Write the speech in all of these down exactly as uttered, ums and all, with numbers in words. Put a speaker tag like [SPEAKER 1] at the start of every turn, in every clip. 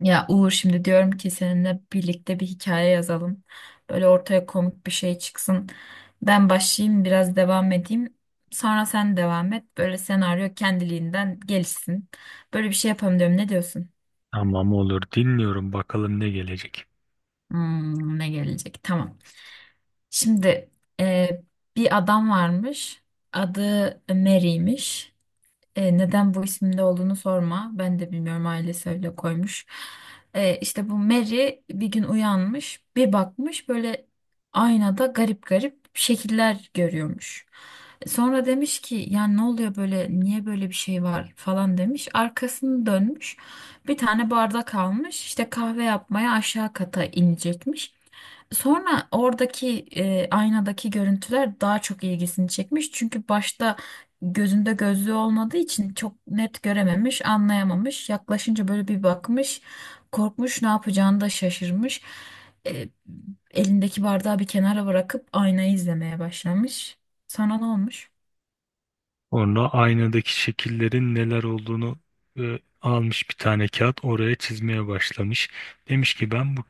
[SPEAKER 1] Ya Uğur şimdi diyorum ki seninle birlikte bir hikaye yazalım. Böyle ortaya komik bir şey çıksın. Ben başlayayım biraz devam edeyim. Sonra sen devam et. Böyle senaryo kendiliğinden gelişsin. Böyle bir şey yapalım diyorum. Ne diyorsun?
[SPEAKER 2] Tamam, olur, dinliyorum bakalım ne gelecek.
[SPEAKER 1] Hmm, ne gelecek? Tamam. Şimdi e, bir adam varmış. Adı Mary'miş. E, neden bu isimde olduğunu sorma. Ben de bilmiyorum, ailesi öyle koymuş. E, işte bu Mary bir gün uyanmış, bir bakmış böyle aynada garip garip şekiller görüyormuş. E, Sonra demiş ki yani ne oluyor böyle, niye böyle bir şey var falan demiş. Arkasını dönmüş. Bir tane bardak almış. İşte kahve yapmaya aşağı kata inecekmiş. Sonra oradaki e, aynadaki görüntüler daha çok ilgisini çekmiş. Çünkü başta gözünde gözlüğü olmadığı için çok net görememiş, anlayamamış. Yaklaşınca böyle bir bakmış, korkmuş, ne yapacağını da şaşırmış. E, Elindeki bardağı bir kenara bırakıp aynayı izlemeye başlamış. Sana ne olmuş?
[SPEAKER 2] Sonra aynadaki şekillerin neler olduğunu e, almış bir tane kağıt oraya çizmeye başlamış. Demiş ki ben bu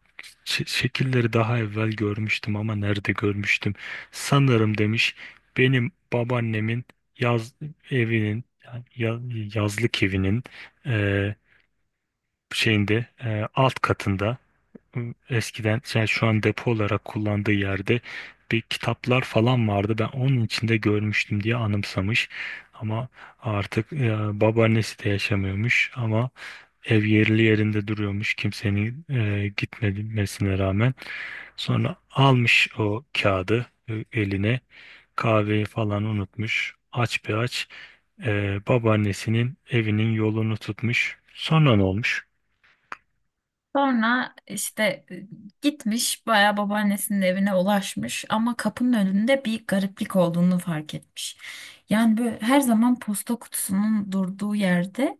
[SPEAKER 2] ç- şekilleri daha evvel görmüştüm ama nerede görmüştüm? Sanırım demiş benim babaannemin yaz evinin yani ya- yazlık evinin e, şeyinde, e, alt katında, eskiden yani şu an depo olarak kullandığı yerde bir kitaplar falan vardı. Ben onun içinde görmüştüm diye anımsamış. Ama artık e, babaannesi de yaşamıyormuş ama ev yerli yerinde duruyormuş, kimsenin e, gitmemesine rağmen. Sonra almış o kağıdı e, eline, kahveyi falan unutmuş. Aç bir aç e, babaannesinin evinin yolunu tutmuş. Sonra ne olmuş?
[SPEAKER 1] Sonra işte e, gitmiş, bayağı babaannesinin evine ulaşmış ama kapının önünde bir gariplik olduğunu fark etmiş. Yani böyle her zaman posta kutusunun durduğu yerde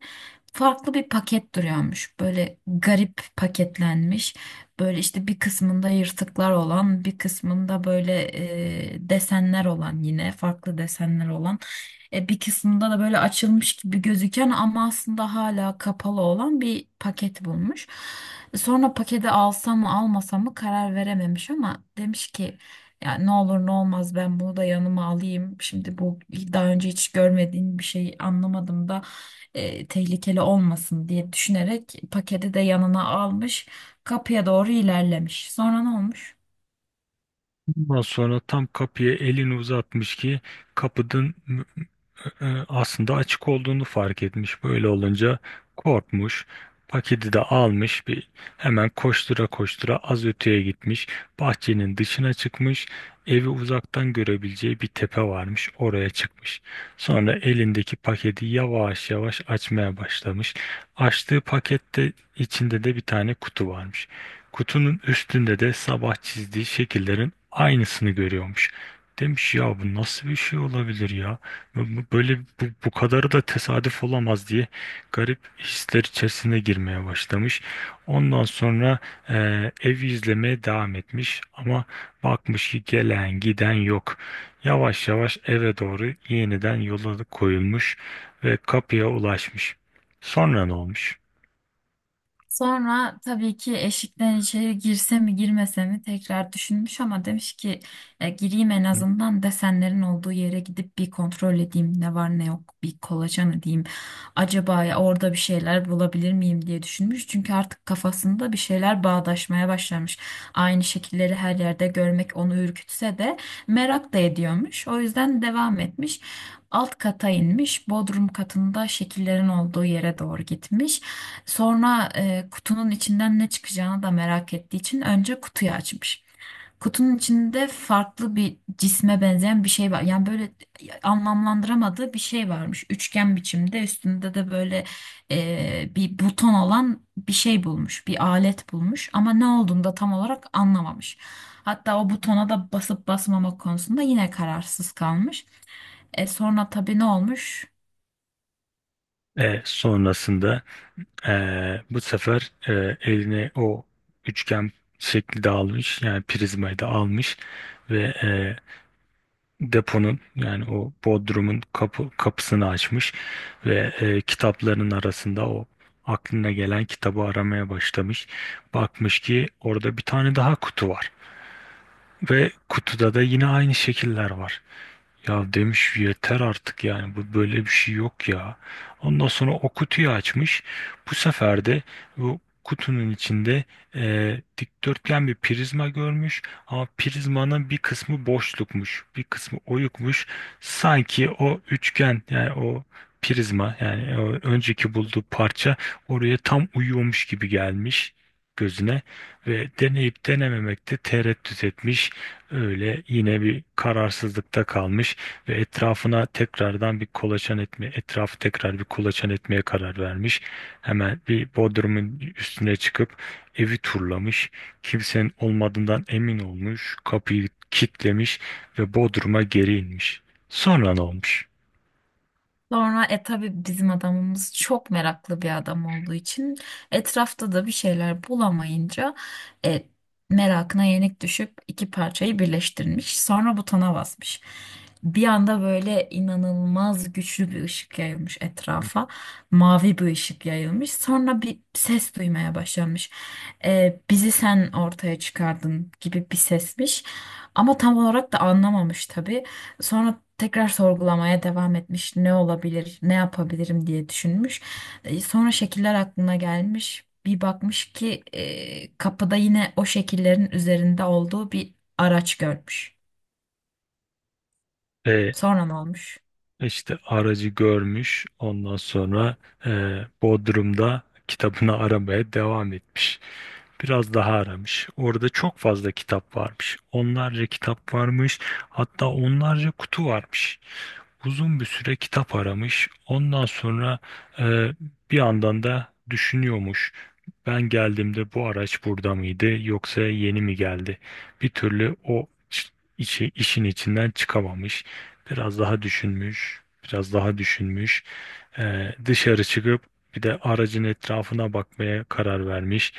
[SPEAKER 1] farklı bir paket duruyormuş. Böyle garip paketlenmiş. Böyle işte bir kısmında yırtıklar olan, bir kısmında böyle e, desenler olan, yine farklı desenler olan, e, bir kısmında da böyle açılmış gibi gözüken ama aslında hala kapalı olan bir paket bulmuş. E, Sonra paketi alsam mı almasam mı karar verememiş ama demiş ki ya ne olur ne olmaz ben bunu da yanıma alayım. Şimdi bu daha önce hiç görmediğim bir şey, anlamadım da e, tehlikeli olmasın diye düşünerek paketi de yanına almış. Kapıya doğru ilerlemiş. Sonra ne olmuş?
[SPEAKER 2] Ondan sonra tam kapıya elini uzatmış ki kapının e, aslında açık olduğunu fark etmiş. Böyle olunca korkmuş. Paketi de almış, bir hemen koştura koştura az öteye gitmiş. Bahçenin dışına çıkmış. Evi uzaktan görebileceği bir tepe varmış. Oraya çıkmış. Sonra elindeki paketi yavaş yavaş açmaya başlamış. Açtığı pakette içinde de bir tane kutu varmış. Kutunun üstünde de sabah çizdiği şekillerin aynısını görüyormuş. Demiş ya bu nasıl bir şey olabilir ya? Bu- Böyle bu, bu kadarı da tesadüf olamaz diye garip hisler içerisine girmeye başlamış. Ondan sonra ev evi izlemeye devam etmiş ama bakmış ki gelen giden yok. Yavaş yavaş eve doğru yeniden yola koyulmuş ve kapıya ulaşmış. Sonra ne olmuş?
[SPEAKER 1] Sonra tabii ki eşikten içeri girse mi girmese mi tekrar düşünmüş ama demiş ki "E, Gireyim, en
[SPEAKER 2] Hı?
[SPEAKER 1] azından desenlerin olduğu yere gidip bir kontrol edeyim, ne var ne yok bir kolaçan edeyim. Acaba ya orada bir şeyler bulabilir miyim" diye düşünmüş, çünkü artık kafasında bir şeyler bağdaşmaya başlamış. Aynı şekilleri her yerde görmek onu ürkütse de merak da ediyormuş, o yüzden devam etmiş. Alt kata inmiş, bodrum katında şekillerin olduğu yere doğru gitmiş. Sonra e, kutunun içinden ne çıkacağını da merak ettiği için önce kutuyu açmış. Kutunun içinde farklı bir cisme benzeyen bir şey var. Yani böyle anlamlandıramadığı bir şey varmış. Üçgen biçimde, üstünde de böyle e, bir buton olan bir şey bulmuş. Bir alet bulmuş ama ne olduğunu da tam olarak anlamamış. Hatta o butona da basıp basmamak konusunda yine kararsız kalmış. E, sonra tabii ne olmuş?
[SPEAKER 2] E, sonrasında e, bu sefer e, eline o üçgen şekli de almış, yani prizmayı da almış ve e, deponun yani o bodrumun kapı, kapısını açmış ve e, kitapların arasında o aklına gelen kitabı aramaya başlamış. Bakmış ki orada bir tane daha kutu var ve kutuda da yine aynı şekiller var. Ya demiş, yeter artık, yani bu, böyle bir şey yok ya. Ondan sonra o kutuyu açmış. Bu sefer de bu kutunun içinde e, dikdörtgen bir prizma görmüş ama prizmanın bir kısmı boşlukmuş, bir kısmı oyukmuş. Sanki o üçgen yani o prizma yani o önceki bulduğu parça oraya tam uyuyormuş gibi gelmiş gözüne ve deneyip denememekte tereddüt etmiş. Öyle yine bir kararsızlıkta kalmış ve etrafına tekrardan bir kolaçan etme, etrafı tekrar bir kolaçan etmeye karar vermiş. Hemen bir bodrumun üstüne çıkıp evi turlamış. Kimsenin olmadığından emin olmuş. Kapıyı kilitlemiş ve bodruma geri inmiş. Sonra ne olmuş?
[SPEAKER 1] Sonra e tabii bizim adamımız çok meraklı bir adam olduğu için, etrafta da bir şeyler bulamayınca e, merakına yenik düşüp iki parçayı birleştirmiş. Sonra butona basmış. Bir anda böyle inanılmaz güçlü bir ışık yayılmış etrafa. Mavi bir ışık yayılmış. Sonra bir ses duymaya başlamış. E, "bizi sen ortaya çıkardın" gibi bir sesmiş. Ama tam olarak da anlamamış tabii. Sonra tekrar sorgulamaya devam etmiş. Ne olabilir, ne yapabilirim diye düşünmüş. E, Sonra şekiller aklına gelmiş. Bir bakmış ki e, kapıda yine o şekillerin üzerinde olduğu bir araç görmüş.
[SPEAKER 2] E,
[SPEAKER 1] Sonra ne olmuş?
[SPEAKER 2] İşte aracı görmüş. Ondan sonra e, Bodrum'da kitabını aramaya devam etmiş. Biraz daha aramış. Orada çok fazla kitap varmış. Onlarca kitap varmış. Hatta onlarca kutu varmış. Uzun bir süre kitap aramış. Ondan sonra e, bir yandan da düşünüyormuş. Ben geldiğimde bu araç burada mıydı yoksa yeni mi geldi? Bir türlü o iş- işi, işin içinden çıkamamış. Biraz daha düşünmüş, biraz daha düşünmüş. Ee, dışarı çıkıp bir de aracın etrafına bakmaya karar vermiş.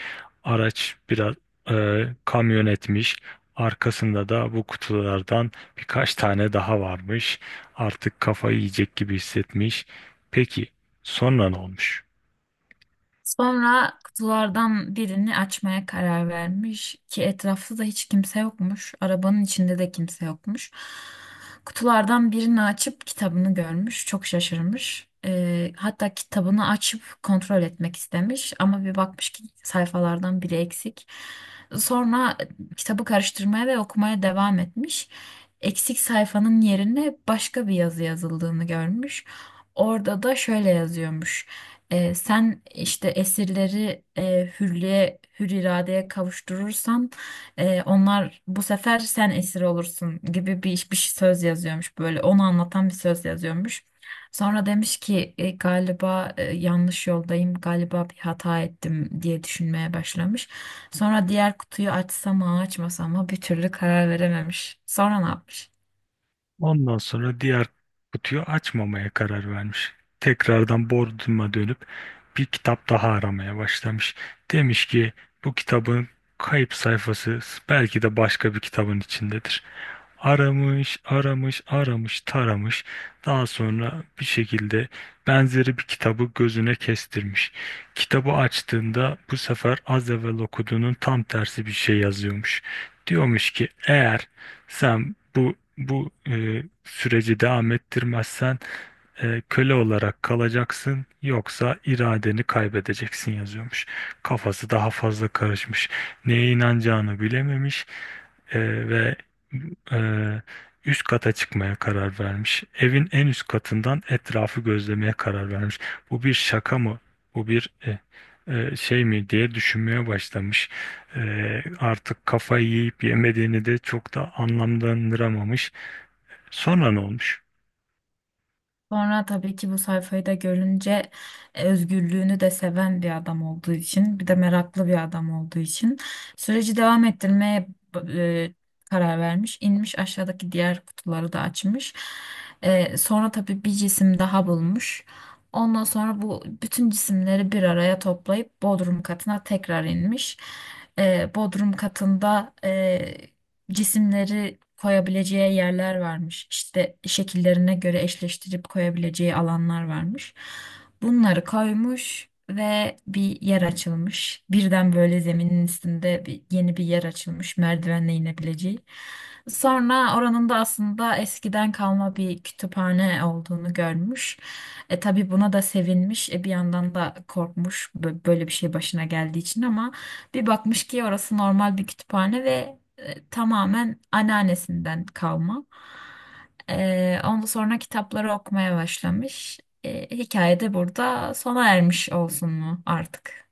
[SPEAKER 2] Araç biraz e, kamyon etmiş. Arkasında da bu kutulardan birkaç tane daha varmış. Artık kafayı yiyecek gibi hissetmiş. Peki sonra ne olmuş?
[SPEAKER 1] Sonra kutulardan birini açmaya karar vermiş ki etrafta da hiç kimse yokmuş. Arabanın içinde de kimse yokmuş. Kutulardan birini açıp kitabını görmüş. Çok şaşırmış. Ee, hatta kitabını açıp kontrol etmek istemiş ama bir bakmış ki sayfalardan biri eksik. Sonra kitabı karıştırmaya ve okumaya devam etmiş. Eksik sayfanın yerine başka bir yazı yazıldığını görmüş. Orada da şöyle yazıyormuş. Ee, sen işte esirleri e, hürriye, hür iradeye kavuşturursan e, onlar bu sefer sen esir olursun gibi bir, bir söz yazıyormuş, böyle onu anlatan bir söz yazıyormuş. Sonra demiş ki "E, Galiba e, yanlış yoldayım, galiba bir hata ettim" diye düşünmeye başlamış. Sonra diğer kutuyu açsa mı açmasa mı bir türlü karar verememiş. Sonra ne yapmış?
[SPEAKER 2] Ondan sonra diğer kutuyu açmamaya karar vermiş. Tekrardan Bodrum'a dönüp bir kitap daha aramaya başlamış. Demiş ki bu kitabın kayıp sayfası belki de başka bir kitabın içindedir. Aramış, aramış, aramış, taramış. Daha sonra bir şekilde benzeri bir kitabı gözüne kestirmiş. Kitabı açtığında bu sefer az evvel okuduğunun tam tersi bir şey yazıyormuş. Diyormuş ki eğer sen bu bu e, süreci devam ettirmezsen e, köle olarak kalacaksın, yoksa iradeni kaybedeceksin yazıyormuş. Kafası daha fazla karışmış. Neye inanacağını bilememiş. Ee, ve e, üst kata çıkmaya karar vermiş. Evin en üst katından etrafı gözlemeye karar vermiş. Bu bir şaka mı? Bu bir e, e, şey mi diye düşünmeye başlamış. Ee, artık kafayı yiyip yemediğini de çok da anlamlandıramamış. Sonra ne olmuş?
[SPEAKER 1] Sonra tabii ki bu sayfayı da görünce e, özgürlüğünü de seven bir adam olduğu için, bir de meraklı bir adam olduğu için süreci devam ettirmeye e, karar vermiş. İnmiş, aşağıdaki diğer kutuları da açmış. E, sonra tabii bir cisim daha bulmuş. Ondan sonra bu bütün cisimleri bir araya toplayıp bodrum katına tekrar inmiş. E, bodrum katında e, cisimleri koyabileceği yerler varmış. İşte şekillerine göre eşleştirip koyabileceği alanlar varmış. Bunları koymuş ve bir yer açılmış. Birden böyle zeminin üstünde bir, yeni bir yer açılmış, merdivenle inebileceği. Sonra oranın da aslında eskiden kalma bir kütüphane olduğunu görmüş. E tabii buna da sevinmiş. E bir yandan da korkmuş, bö- böyle bir şey başına geldiği için, ama bir bakmış ki orası normal bir kütüphane ve e, tamamen anneannesinden kalma. E, ondan sonra kitapları okumaya başlamış. E, hikaye de burada sona ermiş olsun mu artık?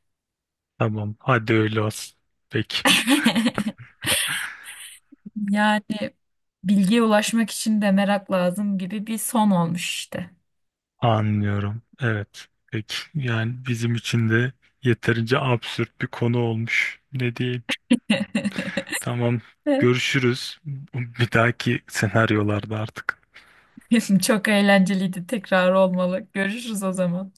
[SPEAKER 2] Tamam, hadi öyle olsun. Peki,
[SPEAKER 1] Yani bilgiye ulaşmak için de merak lazım gibi bir son olmuş işte.
[SPEAKER 2] anlıyorum. Evet, peki. Yani bizim için de yeterince absürt bir konu olmuş. Ne diyelim? Tamam. Görüşürüz. Bir dahaki senaryolarda artık.
[SPEAKER 1] Çok eğlenceliydi. Tekrar olmalı. Görüşürüz o zaman.